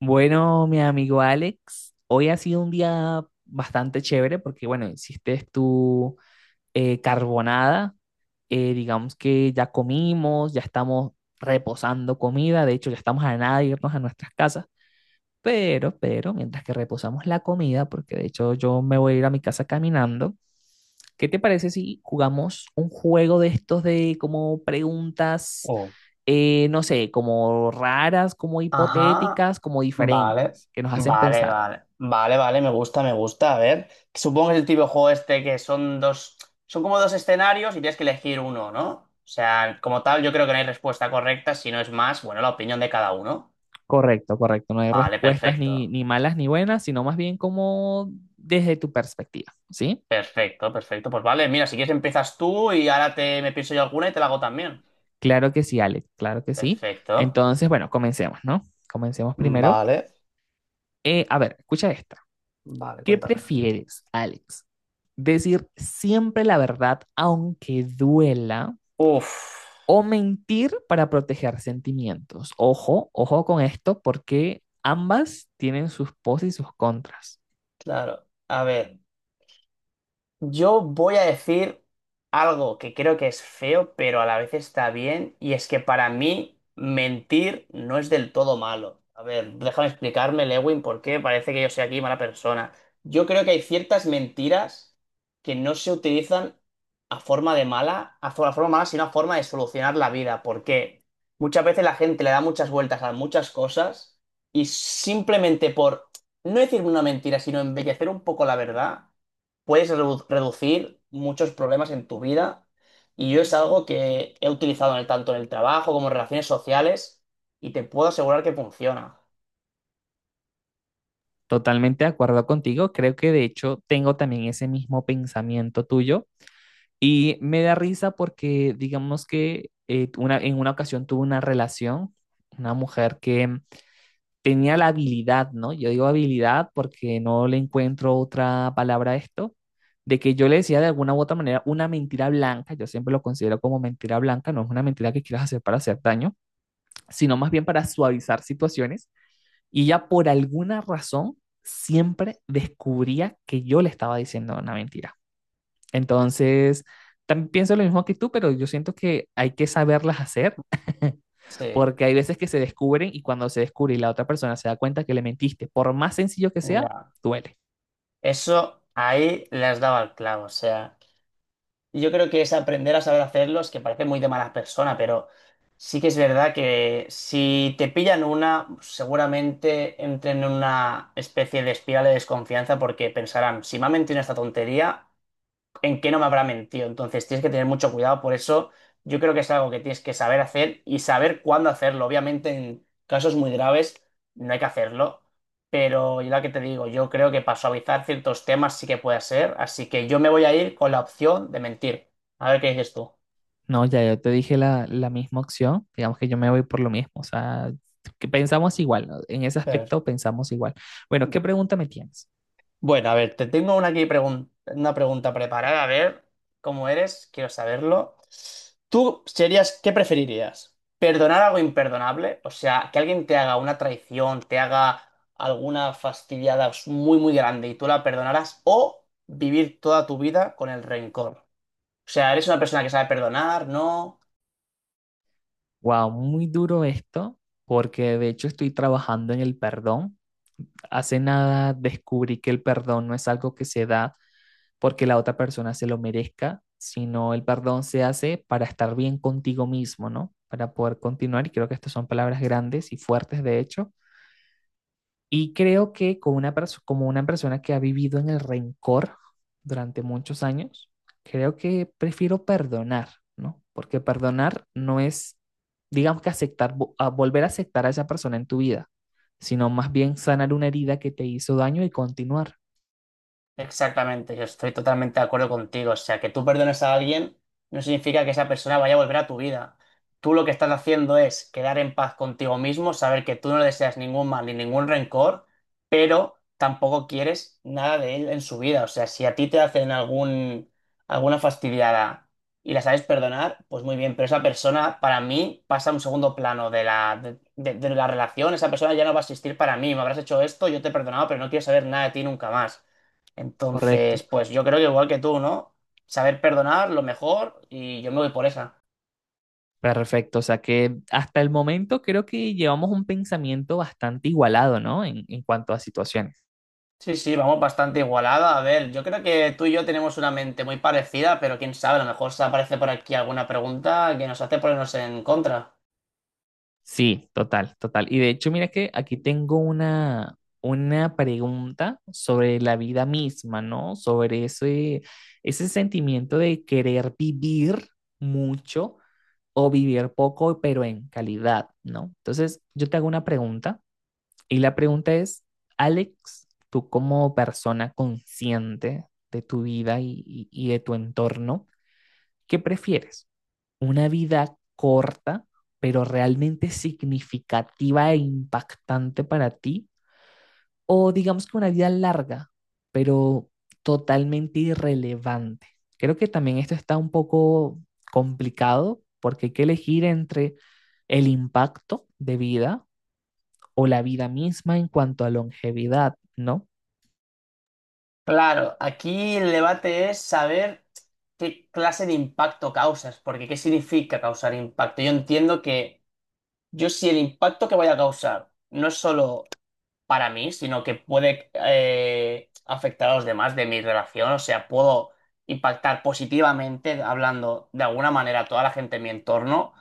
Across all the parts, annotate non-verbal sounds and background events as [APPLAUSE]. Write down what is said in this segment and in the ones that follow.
Bueno, mi amigo Alex, hoy ha sido un día bastante chévere porque, bueno, hiciste tu carbonada. Eh, digamos que ya comimos, ya estamos reposando comida, de hecho ya estamos a nada de irnos a nuestras casas, pero, mientras que reposamos la comida, porque de hecho yo me voy a ir a mi casa caminando, ¿qué te parece si jugamos un juego de estos de como preguntas, Oh. No sé, como raras, como Ajá, hipotéticas, como vale, diferentes, que nos hacen vale, pensar? vale, vale, vale, me gusta, a ver. Supongo que es el tipo de juego este que son son como dos escenarios y tienes que elegir uno, ¿no? O sea, como tal, yo creo que no hay respuesta correcta, si no es más, bueno, la opinión de cada uno. Correcto, correcto. No hay Vale, respuestas ni, ni malas ni buenas, sino más bien como desde tu perspectiva, ¿sí? Perfecto. Pues vale, mira, si quieres empiezas tú y ahora me pienso yo alguna y te la hago también. Claro que sí, Alex, claro que sí. Perfecto. Entonces, bueno, comencemos, ¿no? Comencemos primero. Vale, A ver, escucha esta. vale, ¿Qué cuéntame. prefieres, Alex? ¿Decir siempre la verdad aunque duela Uf, o mentir para proteger sentimientos? Ojo, ojo con esto porque ambas tienen sus pros y sus contras. claro, a ver. Yo voy a decir algo que creo que es feo, pero a la vez está bien, y es que para mí mentir no es del todo malo. A ver, déjame explicarme, Lewin, por qué parece que yo soy aquí mala persona. Yo creo que hay ciertas mentiras que no se utilizan a forma de mala, a forma mala, sino a forma de solucionar la vida, porque muchas veces la gente le da muchas vueltas a muchas cosas y simplemente por no decir una mentira, sino embellecer un poco la verdad puedes reducir muchos problemas en tu vida. Y yo es algo que he utilizado en tanto en el trabajo como en relaciones sociales y te puedo asegurar que funciona. Totalmente de acuerdo contigo, creo que de hecho tengo también ese mismo pensamiento tuyo y me da risa porque digamos que en una ocasión tuve una relación, una mujer que tenía la habilidad, ¿no? Yo digo habilidad porque no le encuentro otra palabra a esto, de que yo le decía de alguna u otra manera una mentira blanca, yo siempre lo considero como mentira blanca, no es una mentira que quieras hacer para hacer daño, sino más bien para suavizar situaciones, y ella por alguna razón siempre descubría que yo le estaba diciendo una mentira. Entonces, también pienso lo mismo que tú, pero yo siento que hay que saberlas hacer [LAUGHS] Sí, porque hay veces que se descubren y cuando se descubre y la otra persona se da cuenta que le mentiste, por más sencillo que sea, ya. duele. Eso ahí le has dado al clavo. O sea, yo creo que es aprender a saber hacerlo, es que parece muy de mala persona, pero sí que es verdad que si te pillan una, seguramente entren en una especie de espiral de desconfianza porque pensarán, si me ha mentido en esta tontería en qué no me habrá mentido. Entonces tienes que tener mucho cuidado. Por eso yo creo que es algo que tienes que saber hacer y saber cuándo hacerlo. Obviamente en casos muy graves no hay que hacerlo. Pero yo lo que te digo, yo creo que para suavizar ciertos temas sí que puede ser. Así que yo me voy a ir con la opción de mentir. A ver qué dices tú. No, ya yo te dije la misma opción, digamos que yo me voy por lo mismo, o sea, que pensamos igual, ¿no? En ese Pedro. aspecto pensamos igual. Bueno, ¿qué pregunta me tienes? Bueno, a ver, te tengo una, una pregunta preparada. A ver cómo eres, quiero saberlo. Qué preferirías? ¿Perdonar algo imperdonable? O sea, que alguien te haga una traición, te haga alguna fastidiada muy grande y tú la perdonarás, o vivir toda tu vida con el rencor. O sea, ¿eres una persona que sabe perdonar? ¿No? Wow, muy duro esto, porque de hecho estoy trabajando en el perdón. Hace nada descubrí que el perdón no es algo que se da porque la otra persona se lo merezca, sino el perdón se hace para estar bien contigo mismo, ¿no? Para poder continuar, y creo que estas son palabras grandes y fuertes, de hecho. Y creo que como como una persona que ha vivido en el rencor durante muchos años, creo que prefiero perdonar, ¿no? Porque perdonar no es, digamos que aceptar, a volver a aceptar a esa persona en tu vida, sino más bien sanar una herida que te hizo daño y continuar. Exactamente, yo estoy totalmente de acuerdo contigo. O sea, que tú perdones a alguien no significa que esa persona vaya a volver a tu vida. Tú lo que estás haciendo es quedar en paz contigo mismo, saber que tú no le deseas ningún mal ni ningún rencor, pero tampoco quieres nada de él en su vida. O sea, si a ti te hacen alguna fastidiada y la sabes perdonar, pues muy bien, pero esa persona para mí pasa a un segundo plano de de la relación. Esa persona ya no va a existir para mí. Me habrás hecho esto, yo te he perdonado, pero no quiero saber nada de ti nunca más. Entonces, Correcto. pues yo creo que igual que tú, ¿no? Saber perdonar, lo mejor, y yo me voy por esa. Perfecto, o sea que hasta el momento creo que llevamos un pensamiento bastante igualado, ¿no? En cuanto a situaciones. Sí, sí, vamos bastante igualada. A ver, yo creo que tú y yo tenemos una mente muy parecida, pero quién sabe, a lo mejor se aparece por aquí alguna pregunta que nos hace ponernos en contra. Sí, total, total. Y de hecho, mira que aquí tengo una pregunta sobre la vida misma, ¿no? Sobre ese, ese sentimiento de querer vivir mucho o vivir poco, pero en calidad, ¿no? Entonces, yo te hago una pregunta. Y la pregunta es, Alex, tú como persona consciente de tu vida y de tu entorno, ¿qué prefieres? ¿Una vida corta, pero realmente significativa e impactante para ti? ¿O digamos que una vida larga, pero totalmente irrelevante? Creo que también esto está un poco complicado porque hay que elegir entre el impacto de vida o la vida misma en cuanto a longevidad, ¿no? Claro, aquí el debate es saber qué clase de impacto causas, porque ¿qué significa causar impacto? Yo entiendo que yo si el impacto que voy a causar no es solo para mí, sino que puede afectar a los demás de mi relación. O sea, puedo impactar positivamente hablando de alguna manera a toda la gente en mi entorno,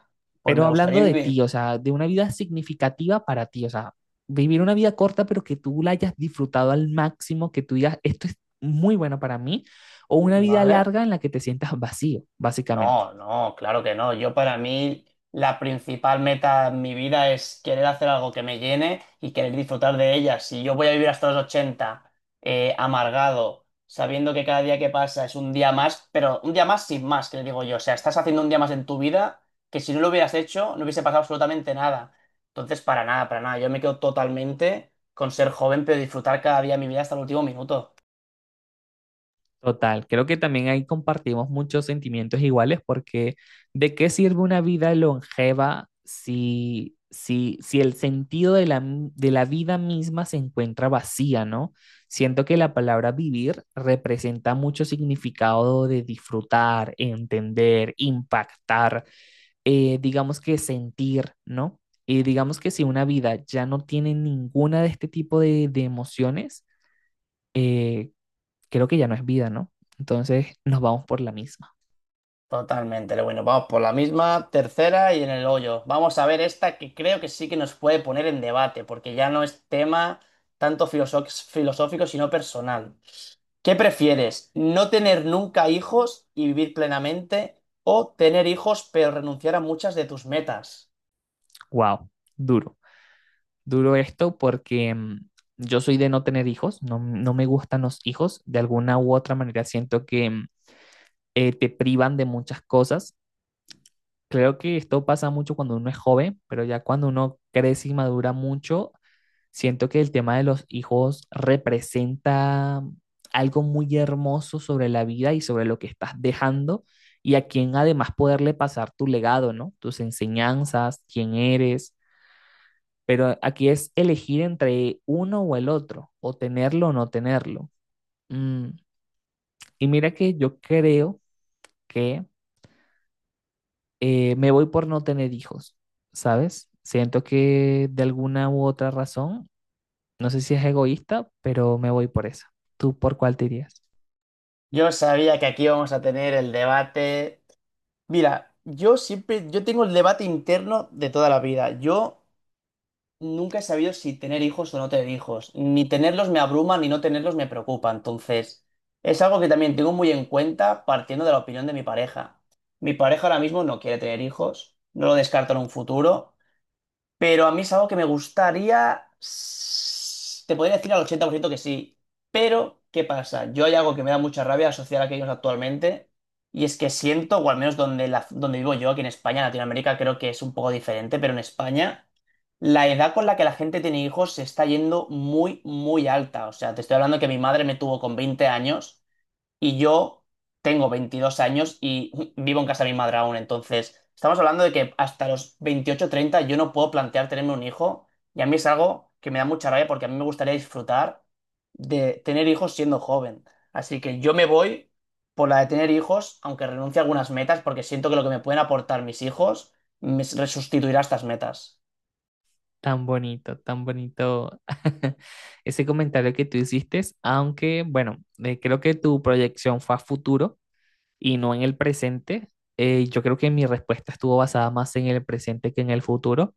pues Pero me hablando gustaría de ti, vivir, o sea, de una vida significativa para ti, o sea, vivir una vida corta, pero que tú la hayas disfrutado al máximo, que tú digas, esto es muy bueno para mí, o una vida ¿vale? larga en la que te sientas vacío, básicamente. No, no, claro que no. Yo para mí la principal meta en mi vida es querer hacer algo que me llene y querer disfrutar de ella. Si yo voy a vivir hasta los 80 amargado, sabiendo que cada día que pasa es un día más, pero un día más sin más, que le digo yo. O sea, estás haciendo un día más en tu vida que si no lo hubieras hecho no hubiese pasado absolutamente nada. Entonces, para nada, para nada. Yo me quedo totalmente con ser joven, pero disfrutar cada día de mi vida hasta el último minuto. Total, creo que también ahí compartimos muchos sentimientos iguales porque ¿de qué sirve una vida longeva si, si, si el sentido de de la vida misma se encuentra vacía, ¿no? Siento que la palabra vivir representa mucho significado de disfrutar, entender, impactar, digamos que sentir, ¿no? Y digamos que si una vida ya no tiene ninguna de este tipo de emociones, eh, creo que ya no es vida, ¿no? Entonces nos vamos por la misma. Totalmente, pero bueno, vamos por la misma, tercera y en el hoyo. Vamos a ver esta que creo que sí que nos puede poner en debate, porque ya no es tema tanto filosófico, sino personal. ¿Qué prefieres? ¿No tener nunca hijos y vivir plenamente? ¿O tener hijos pero renunciar a muchas de tus metas? Wow, duro. Duro esto porque yo soy de no tener hijos, no, no me gustan los hijos, de alguna u otra manera siento que te privan de muchas cosas. Creo que esto pasa mucho cuando uno es joven, pero ya cuando uno crece y madura mucho, siento que el tema de los hijos representa algo muy hermoso sobre la vida y sobre lo que estás dejando y a quien además poderle pasar tu legado, ¿no? Tus enseñanzas, quién eres, pero aquí es elegir entre uno o el otro, o tenerlo o no tenerlo. Mm, Y mira que yo creo que me voy por no tener hijos, ¿sabes? Siento que de alguna u otra razón, no sé si es egoísta, pero me voy por eso. ¿Tú por cuál te irías? Yo sabía que aquí vamos a tener el debate. Mira, yo tengo el debate interno de toda la vida. Yo nunca he sabido si tener hijos o no tener hijos. Ni tenerlos me abruma, ni no tenerlos me preocupa. Entonces, es algo que también tengo muy en cuenta partiendo de la opinión de mi pareja. Mi pareja ahora mismo no quiere tener hijos, no lo descarta en un futuro. Pero a mí es algo que me gustaría. Te podría decir al 80% que sí. Pero, ¿qué pasa? Yo hay algo que me da mucha rabia asociar a aquellos actualmente. Y es que siento, o al menos donde vivo yo, aquí en España, en Latinoamérica, creo que es un poco diferente, pero en España, la edad con la que la gente tiene hijos se está yendo muy alta. O sea, te estoy hablando que mi madre me tuvo con 20 años y yo tengo 22 años y vivo en casa de mi madre aún. Entonces, estamos hablando de que hasta los 28 o 30 yo no puedo plantear tenerme un hijo y a mí es algo que me da mucha rabia porque a mí me gustaría disfrutar de tener hijos siendo joven. Así que yo me voy por la de tener hijos, aunque renuncie a algunas metas porque siento que lo que me pueden aportar mis hijos me resustituirá estas metas. Tan bonito [LAUGHS] ese comentario que tú hiciste, aunque bueno, creo que tu proyección fue a futuro y no en el presente. Yo creo que mi respuesta estuvo basada más en el presente que en el futuro.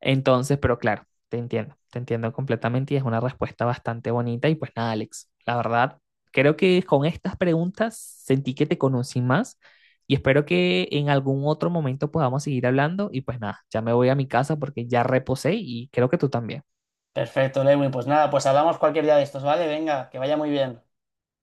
Entonces, pero claro, te entiendo completamente y es una respuesta bastante bonita. Y pues nada, Alex, la verdad, creo que con estas preguntas sentí que te conocí más y espero que en algún otro momento podamos seguir hablando. Y pues nada, ya me voy a mi casa porque ya reposé y creo que tú también. Perfecto, Lewin. Pues nada, pues hablamos cualquier día de estos, ¿vale? Venga, que vaya muy bien.